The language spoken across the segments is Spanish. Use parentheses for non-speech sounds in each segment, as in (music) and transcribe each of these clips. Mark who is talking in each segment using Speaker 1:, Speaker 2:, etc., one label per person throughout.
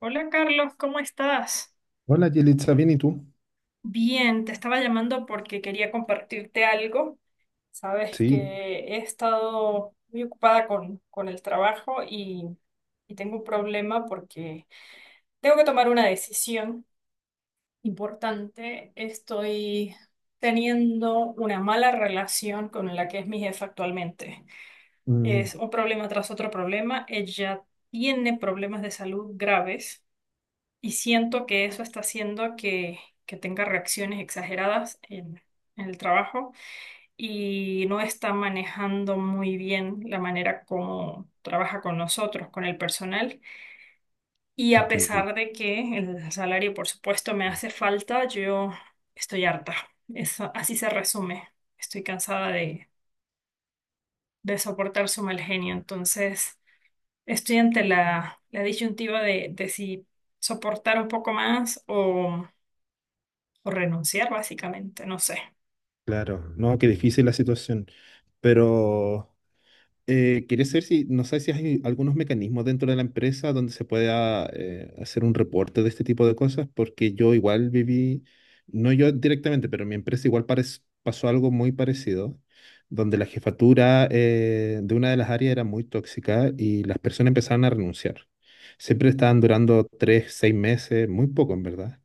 Speaker 1: Hola Carlos, ¿cómo estás?
Speaker 2: Hola, Yelitza, ¿bien y tú?
Speaker 1: Bien, te estaba llamando porque quería compartirte algo. Sabes que
Speaker 2: Sí,
Speaker 1: he estado muy ocupada con el trabajo y tengo un problema porque tengo que tomar una decisión importante. Estoy teniendo una mala relación con la que es mi jefa actualmente.
Speaker 2: mm,
Speaker 1: Es un problema tras otro problema. Ella tiene problemas de salud graves. Y siento que eso está haciendo que tenga reacciones exageradas en el trabajo y no está manejando muy bien la manera como trabaja con nosotros, con el personal. Y a
Speaker 2: entiendo.
Speaker 1: pesar de que el salario, por supuesto, me hace falta, yo estoy harta. Eso, así se resume. Estoy cansada de soportar su mal genio. Entonces, estoy ante la disyuntiva de si soportar un poco más o renunciar básicamente, no sé.
Speaker 2: Claro, no, qué difícil la situación. Pero quería saber si, no sé si hay algunos mecanismos dentro de la empresa donde se pueda hacer un reporte de este tipo de cosas, porque yo igual viví, no yo directamente, pero mi empresa igual pasó algo muy parecido, donde la jefatura de una de las áreas era muy tóxica y las personas empezaron a renunciar. Siempre estaban durando tres, seis meses, muy poco en verdad.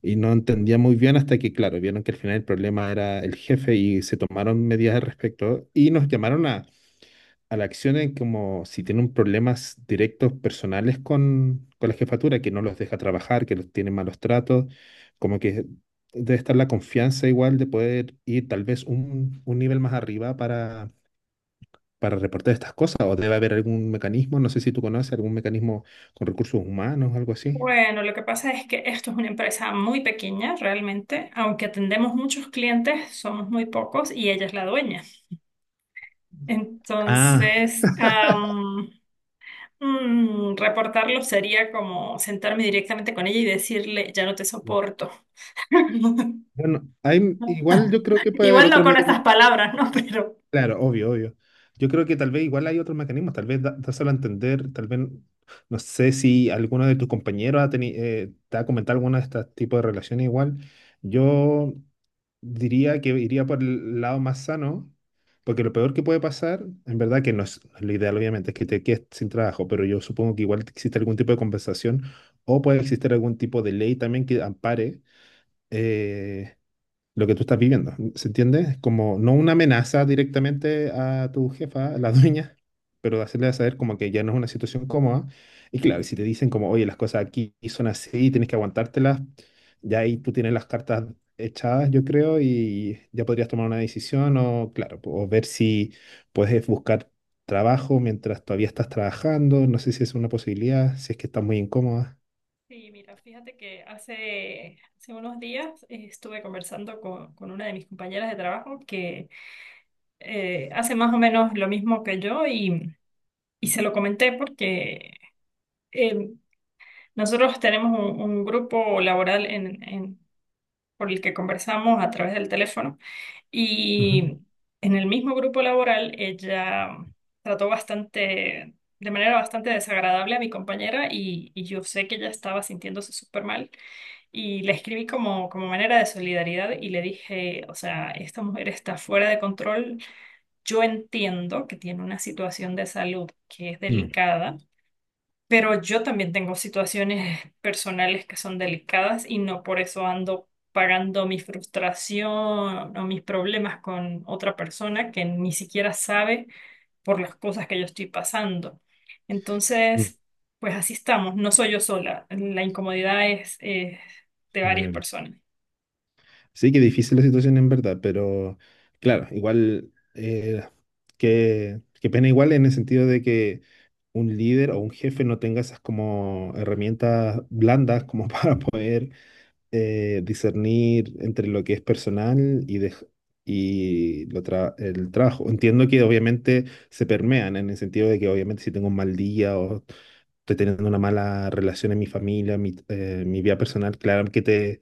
Speaker 2: Y no entendía muy bien hasta que, claro, vieron que al final el problema era el jefe y se tomaron medidas al respecto y nos llamaron a la acción en como si tienen problemas directos personales con la jefatura, que no los deja trabajar, que los tiene malos tratos, como que debe estar la confianza igual de poder ir tal vez un nivel más arriba para reportar estas cosas o debe haber algún mecanismo, no sé si tú conoces algún mecanismo con recursos humanos, algo así.
Speaker 1: Bueno, lo que pasa es que esto es una empresa muy pequeña realmente, aunque atendemos muchos clientes, somos muy pocos y ella es la dueña.
Speaker 2: Ah.
Speaker 1: Entonces, reportarlo sería como sentarme directamente con ella y decirle, ya no te soporto. (laughs)
Speaker 2: Bueno, hay, igual yo creo que puede haber
Speaker 1: Igual no
Speaker 2: otros
Speaker 1: con esas
Speaker 2: mecanismos.
Speaker 1: palabras, ¿no? Pero...
Speaker 2: Claro, obvio, obvio. Yo creo que tal vez igual hay otros mecanismos, tal vez dáselo a entender, tal vez, no sé si alguno de tus compañeros te ha comentado alguna de estos tipos de relaciones igual. Yo diría que iría por el lado más sano, porque lo peor que puede pasar, en verdad que no es, no es lo ideal, obviamente, es que te quedes sin trabajo, pero yo supongo que igual existe algún tipo de compensación o puede existir algún tipo de ley también que ampare. eh, lo que tú estás viviendo. ¿Se entiende? Como no una amenaza directamente a tu jefa, a la dueña, pero de hacerle saber como que ya no es una situación cómoda. Y claro, y si te dicen como, oye, las cosas aquí son así, tienes que aguantártelas, ya ahí tú tienes las cartas echadas, yo creo, y ya podrías tomar una decisión o, claro, o ver si puedes buscar trabajo mientras todavía estás trabajando. No sé si es una posibilidad, si es que estás muy incómoda.
Speaker 1: Sí, mira, fíjate que hace unos días estuve conversando con una de mis compañeras de trabajo que hace más o menos lo mismo que yo y se lo comenté porque eh, nosotros tenemos un grupo laboral por el que conversamos a través del teléfono
Speaker 2: Ujú.
Speaker 1: y en el mismo grupo laboral ella trató de manera bastante desagradable a mi compañera y yo sé que ella estaba sintiéndose súper mal y le escribí como, como manera de solidaridad y le dije, o sea, esta mujer está fuera de control. Yo entiendo que tiene una situación de salud que es
Speaker 2: Mm,
Speaker 1: delicada, pero yo también tengo situaciones (laughs) personales que son delicadas y no por eso ando pagando mi frustración o mis problemas con otra persona que ni siquiera sabe por las cosas que yo estoy pasando.
Speaker 2: mm,
Speaker 1: Entonces, pues así estamos, no soy yo sola, la incomodidad es de
Speaker 2: en
Speaker 1: varias
Speaker 2: el
Speaker 1: personas.
Speaker 2: sí, que difícil la situación en verdad, pero claro, igual, que pena igual en el sentido de que un líder o un jefe no tenga esas como herramientas blandas como (laughs) para poder discernir entre lo que es personal y el trabajo. Entiendo que obviamente se permean en el sentido de que obviamente si tengo un mal día o estoy teniendo una mala relación en mi familia, mi, mi vida personal, claro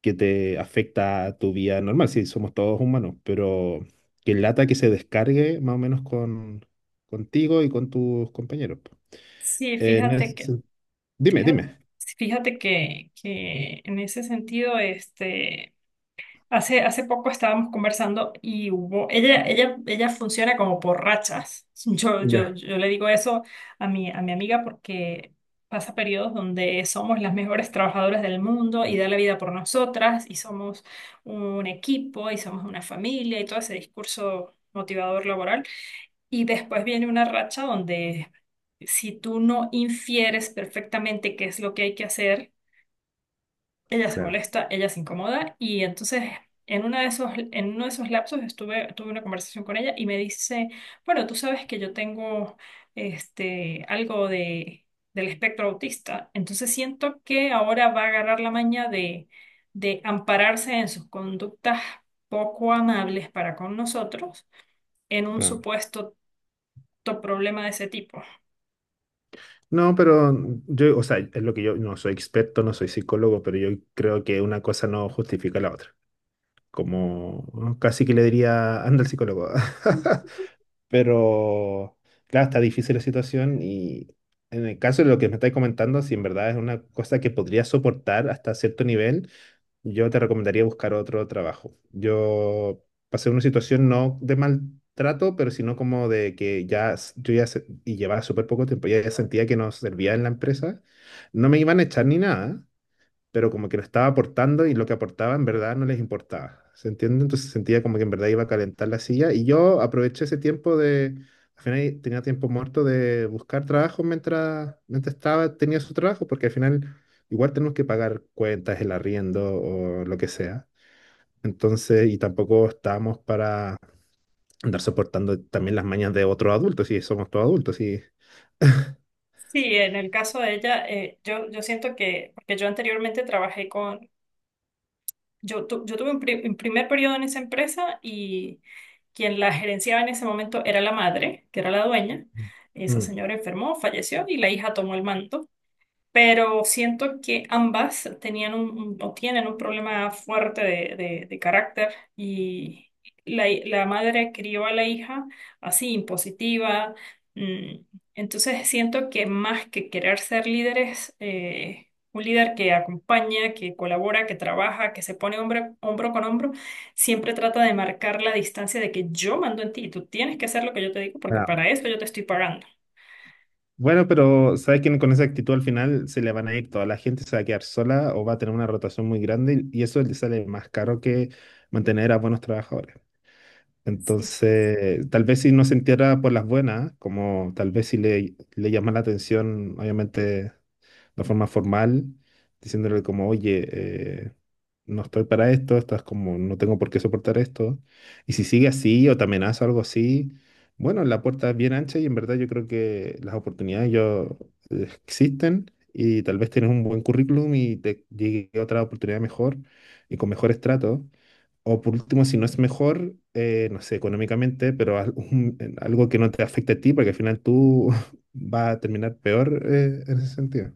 Speaker 2: que te afecta a tu vida normal, sí, somos todos humanos, pero que lata que se descargue más o menos con, contigo y con tus compañeros. Po.
Speaker 1: Sí,
Speaker 2: Eh, En el
Speaker 1: fíjate que
Speaker 2: sen- Dime,
Speaker 1: Fíjate,
Speaker 2: dime.
Speaker 1: fíjate que en ese sentido, hace poco estábamos conversando y hubo, ella funciona como por rachas. (laughs)
Speaker 2: Ya,
Speaker 1: Yo le digo eso a a mi amiga porque pasa periodos donde somos las mejores trabajadoras del mundo y da la vida por nosotras y somos un equipo y somos una familia y todo ese discurso motivador laboral. Y después viene una racha donde si tú no infieres perfectamente qué es lo que hay que hacer, ella se
Speaker 2: claro.
Speaker 1: molesta, ella se incomoda y entonces en una de esos, en uno de esos lapsos estuve, tuve una conversación con ella y me dice, bueno, tú sabes que yo tengo algo del espectro autista, entonces siento que ahora va a agarrar la maña de ampararse en sus conductas poco amables para con nosotros en un
Speaker 2: Claro.
Speaker 1: supuesto problema de ese tipo.
Speaker 2: No, pero yo, o sea, es lo que yo no soy experto, no soy psicólogo, pero yo creo que una cosa no justifica la otra. Como ¿no? Casi que le diría, anda al psicólogo. (laughs) Pero, claro, está difícil la situación y en el caso de lo que me estáis comentando, si en verdad es una cosa que podría soportar hasta cierto nivel, yo te recomendaría buscar otro trabajo. Yo pasé una situación no de maltrato, pero sino como de que y llevaba súper poco tiempo, ya sentía que no servía en la empresa. No me iban a echar ni nada, pero como que no estaba aportando y lo que aportaba en verdad no les importaba. ¿Se entiende? Entonces sentía como que en verdad iba a calentar la silla y yo aproveché ese tiempo de, al final tenía tiempo muerto de buscar trabajo mientras estaba, tenía su trabajo, porque al final igual tenemos que pagar cuentas, el arriendo o lo que sea. Entonces, y tampoco estábamos para andar soportando también las mañas de otros adultos, si somos todos adultos, y...
Speaker 1: Sí, en el caso de ella, yo siento que, porque yo anteriormente trabajé con, yo tuve un, un primer periodo en esa empresa y quien la gerenciaba en ese momento era la madre, que era la dueña. Esa
Speaker 2: Mm.
Speaker 1: señora enfermó, falleció y la hija tomó el manto, pero siento que ambas tenían un, o tienen un problema fuerte de carácter y la madre crió a la hija así, impositiva. mm, Entonces siento que más que querer ser líderes, un líder que acompaña, que colabora, que trabaja, que se pone hombro con hombro, siempre trata de marcar la distancia de que yo mando en ti y tú tienes que hacer lo que yo te digo porque para eso yo te estoy pagando.
Speaker 2: Bueno, pero sabes que con esa actitud al final se le van a ir toda la gente, se va a quedar sola o va a tener una rotación muy grande y eso le sale más caro que mantener a buenos trabajadores. Entonces, tal vez si no se entierra por las buenas, como tal vez si le, le llama la atención, obviamente una forma formal, diciéndole como, oye, eh, no estoy para esto, estás como, no tengo por qué soportar esto. Y si sigue así o te amenaza o algo así, bueno, la puerta es bien ancha y en verdad yo creo que las oportunidades yo, existen y tal vez tienes un buen currículum y te llegue otra oportunidad mejor y con mejores tratos. O por último, si no es mejor, no sé, económicamente, pero en algo que no te afecte a ti, porque al final tú (laughs) vas a terminar peor, en ese sentido.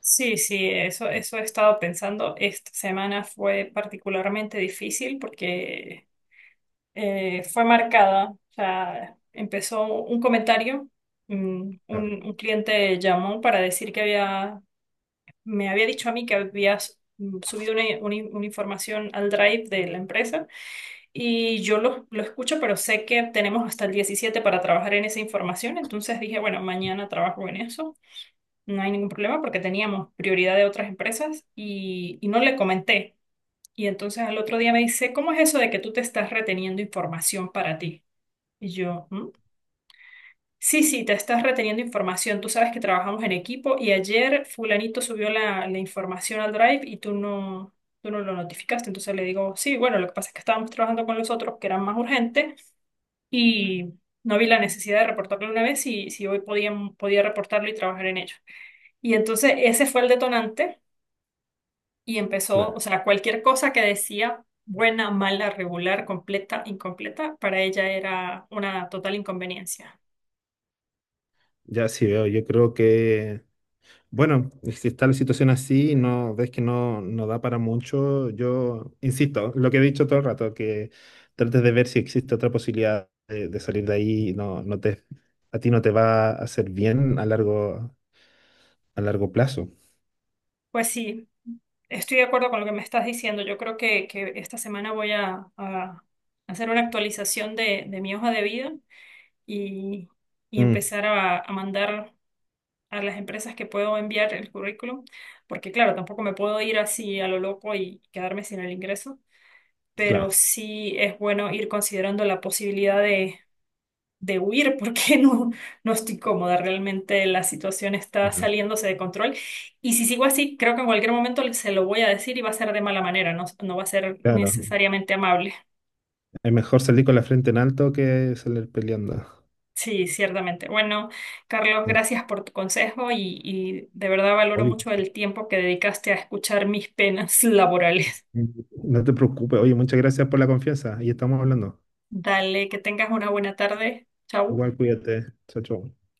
Speaker 1: Sí, sí, eso he estado pensando. Esta semana fue particularmente difícil porque fue marcada. O sea, empezó un comentario, mm,
Speaker 2: Claro.
Speaker 1: un cliente llamó para decir que había, me había dicho a mí que habías subido una, una información al Drive de la empresa y yo lo escucho, pero sé que tenemos hasta el 17 para trabajar en esa información, entonces dije, bueno, mañana trabajo en eso, no hay ningún problema porque teníamos prioridad de otras empresas y no le comenté. Y entonces al otro día me dice, ¿cómo es eso de que tú te estás reteniendo información para ti? Y yo, "¿Mm? Sí, sí, te estás reteniendo información. Tú sabes que trabajamos en equipo y ayer fulanito subió la información al Drive y tú no lo notificaste." Entonces le digo, sí, bueno, lo que pasa es que estábamos trabajando con los otros que eran más urgentes y no vi la necesidad de reportarlo una vez y si hoy podía, podía reportarlo y trabajar en ello. Y entonces ese fue el detonante y empezó,
Speaker 2: Claro,
Speaker 1: o sea, cualquier cosa que decía, buena, mala, regular, completa, incompleta, para ella era una total inconveniencia.
Speaker 2: ya sí veo, yo creo que, bueno, si está la situación así, y no ves que no, no da para mucho, yo insisto, lo que he dicho todo el rato, que trates de ver si existe otra posibilidad de salir de ahí, no, no te, a ti no te va a hacer bien a largo plazo.
Speaker 1: Pues sí, estoy de acuerdo con lo que me estás diciendo. Yo creo que esta semana voy a hacer una actualización de mi hoja de vida y, y
Speaker 2: Mm,
Speaker 1: empezar a mandar a las empresas que puedo enviar el currículum, porque claro, tampoco me puedo ir así a lo loco y quedarme sin el ingreso, pero
Speaker 2: claro,
Speaker 1: sí es bueno ir considerando la posibilidad de huir porque (laughs) no estoy cómoda. Realmente la situación está
Speaker 2: ya,
Speaker 1: saliéndose de control. Y si sigo así, creo que en cualquier momento se lo voy a decir y va a ser de mala manera, no, no va a ser
Speaker 2: claro,
Speaker 1: necesariamente amable.
Speaker 2: es mejor salir con la frente en alto que salir peleando.
Speaker 1: Sí, ciertamente. Bueno, Carlos,
Speaker 2: Sí,
Speaker 1: gracias por tu consejo y de verdad valoro
Speaker 2: obvio.
Speaker 1: mucho el tiempo que dedicaste a escuchar mis penas (laughs) laborales.
Speaker 2: No te preocupes, oye, muchas gracias por la confianza y estamos hablando.
Speaker 1: Dale, que tengas una buena tarde. Chau.
Speaker 2: Igual cuídate, chao, chao.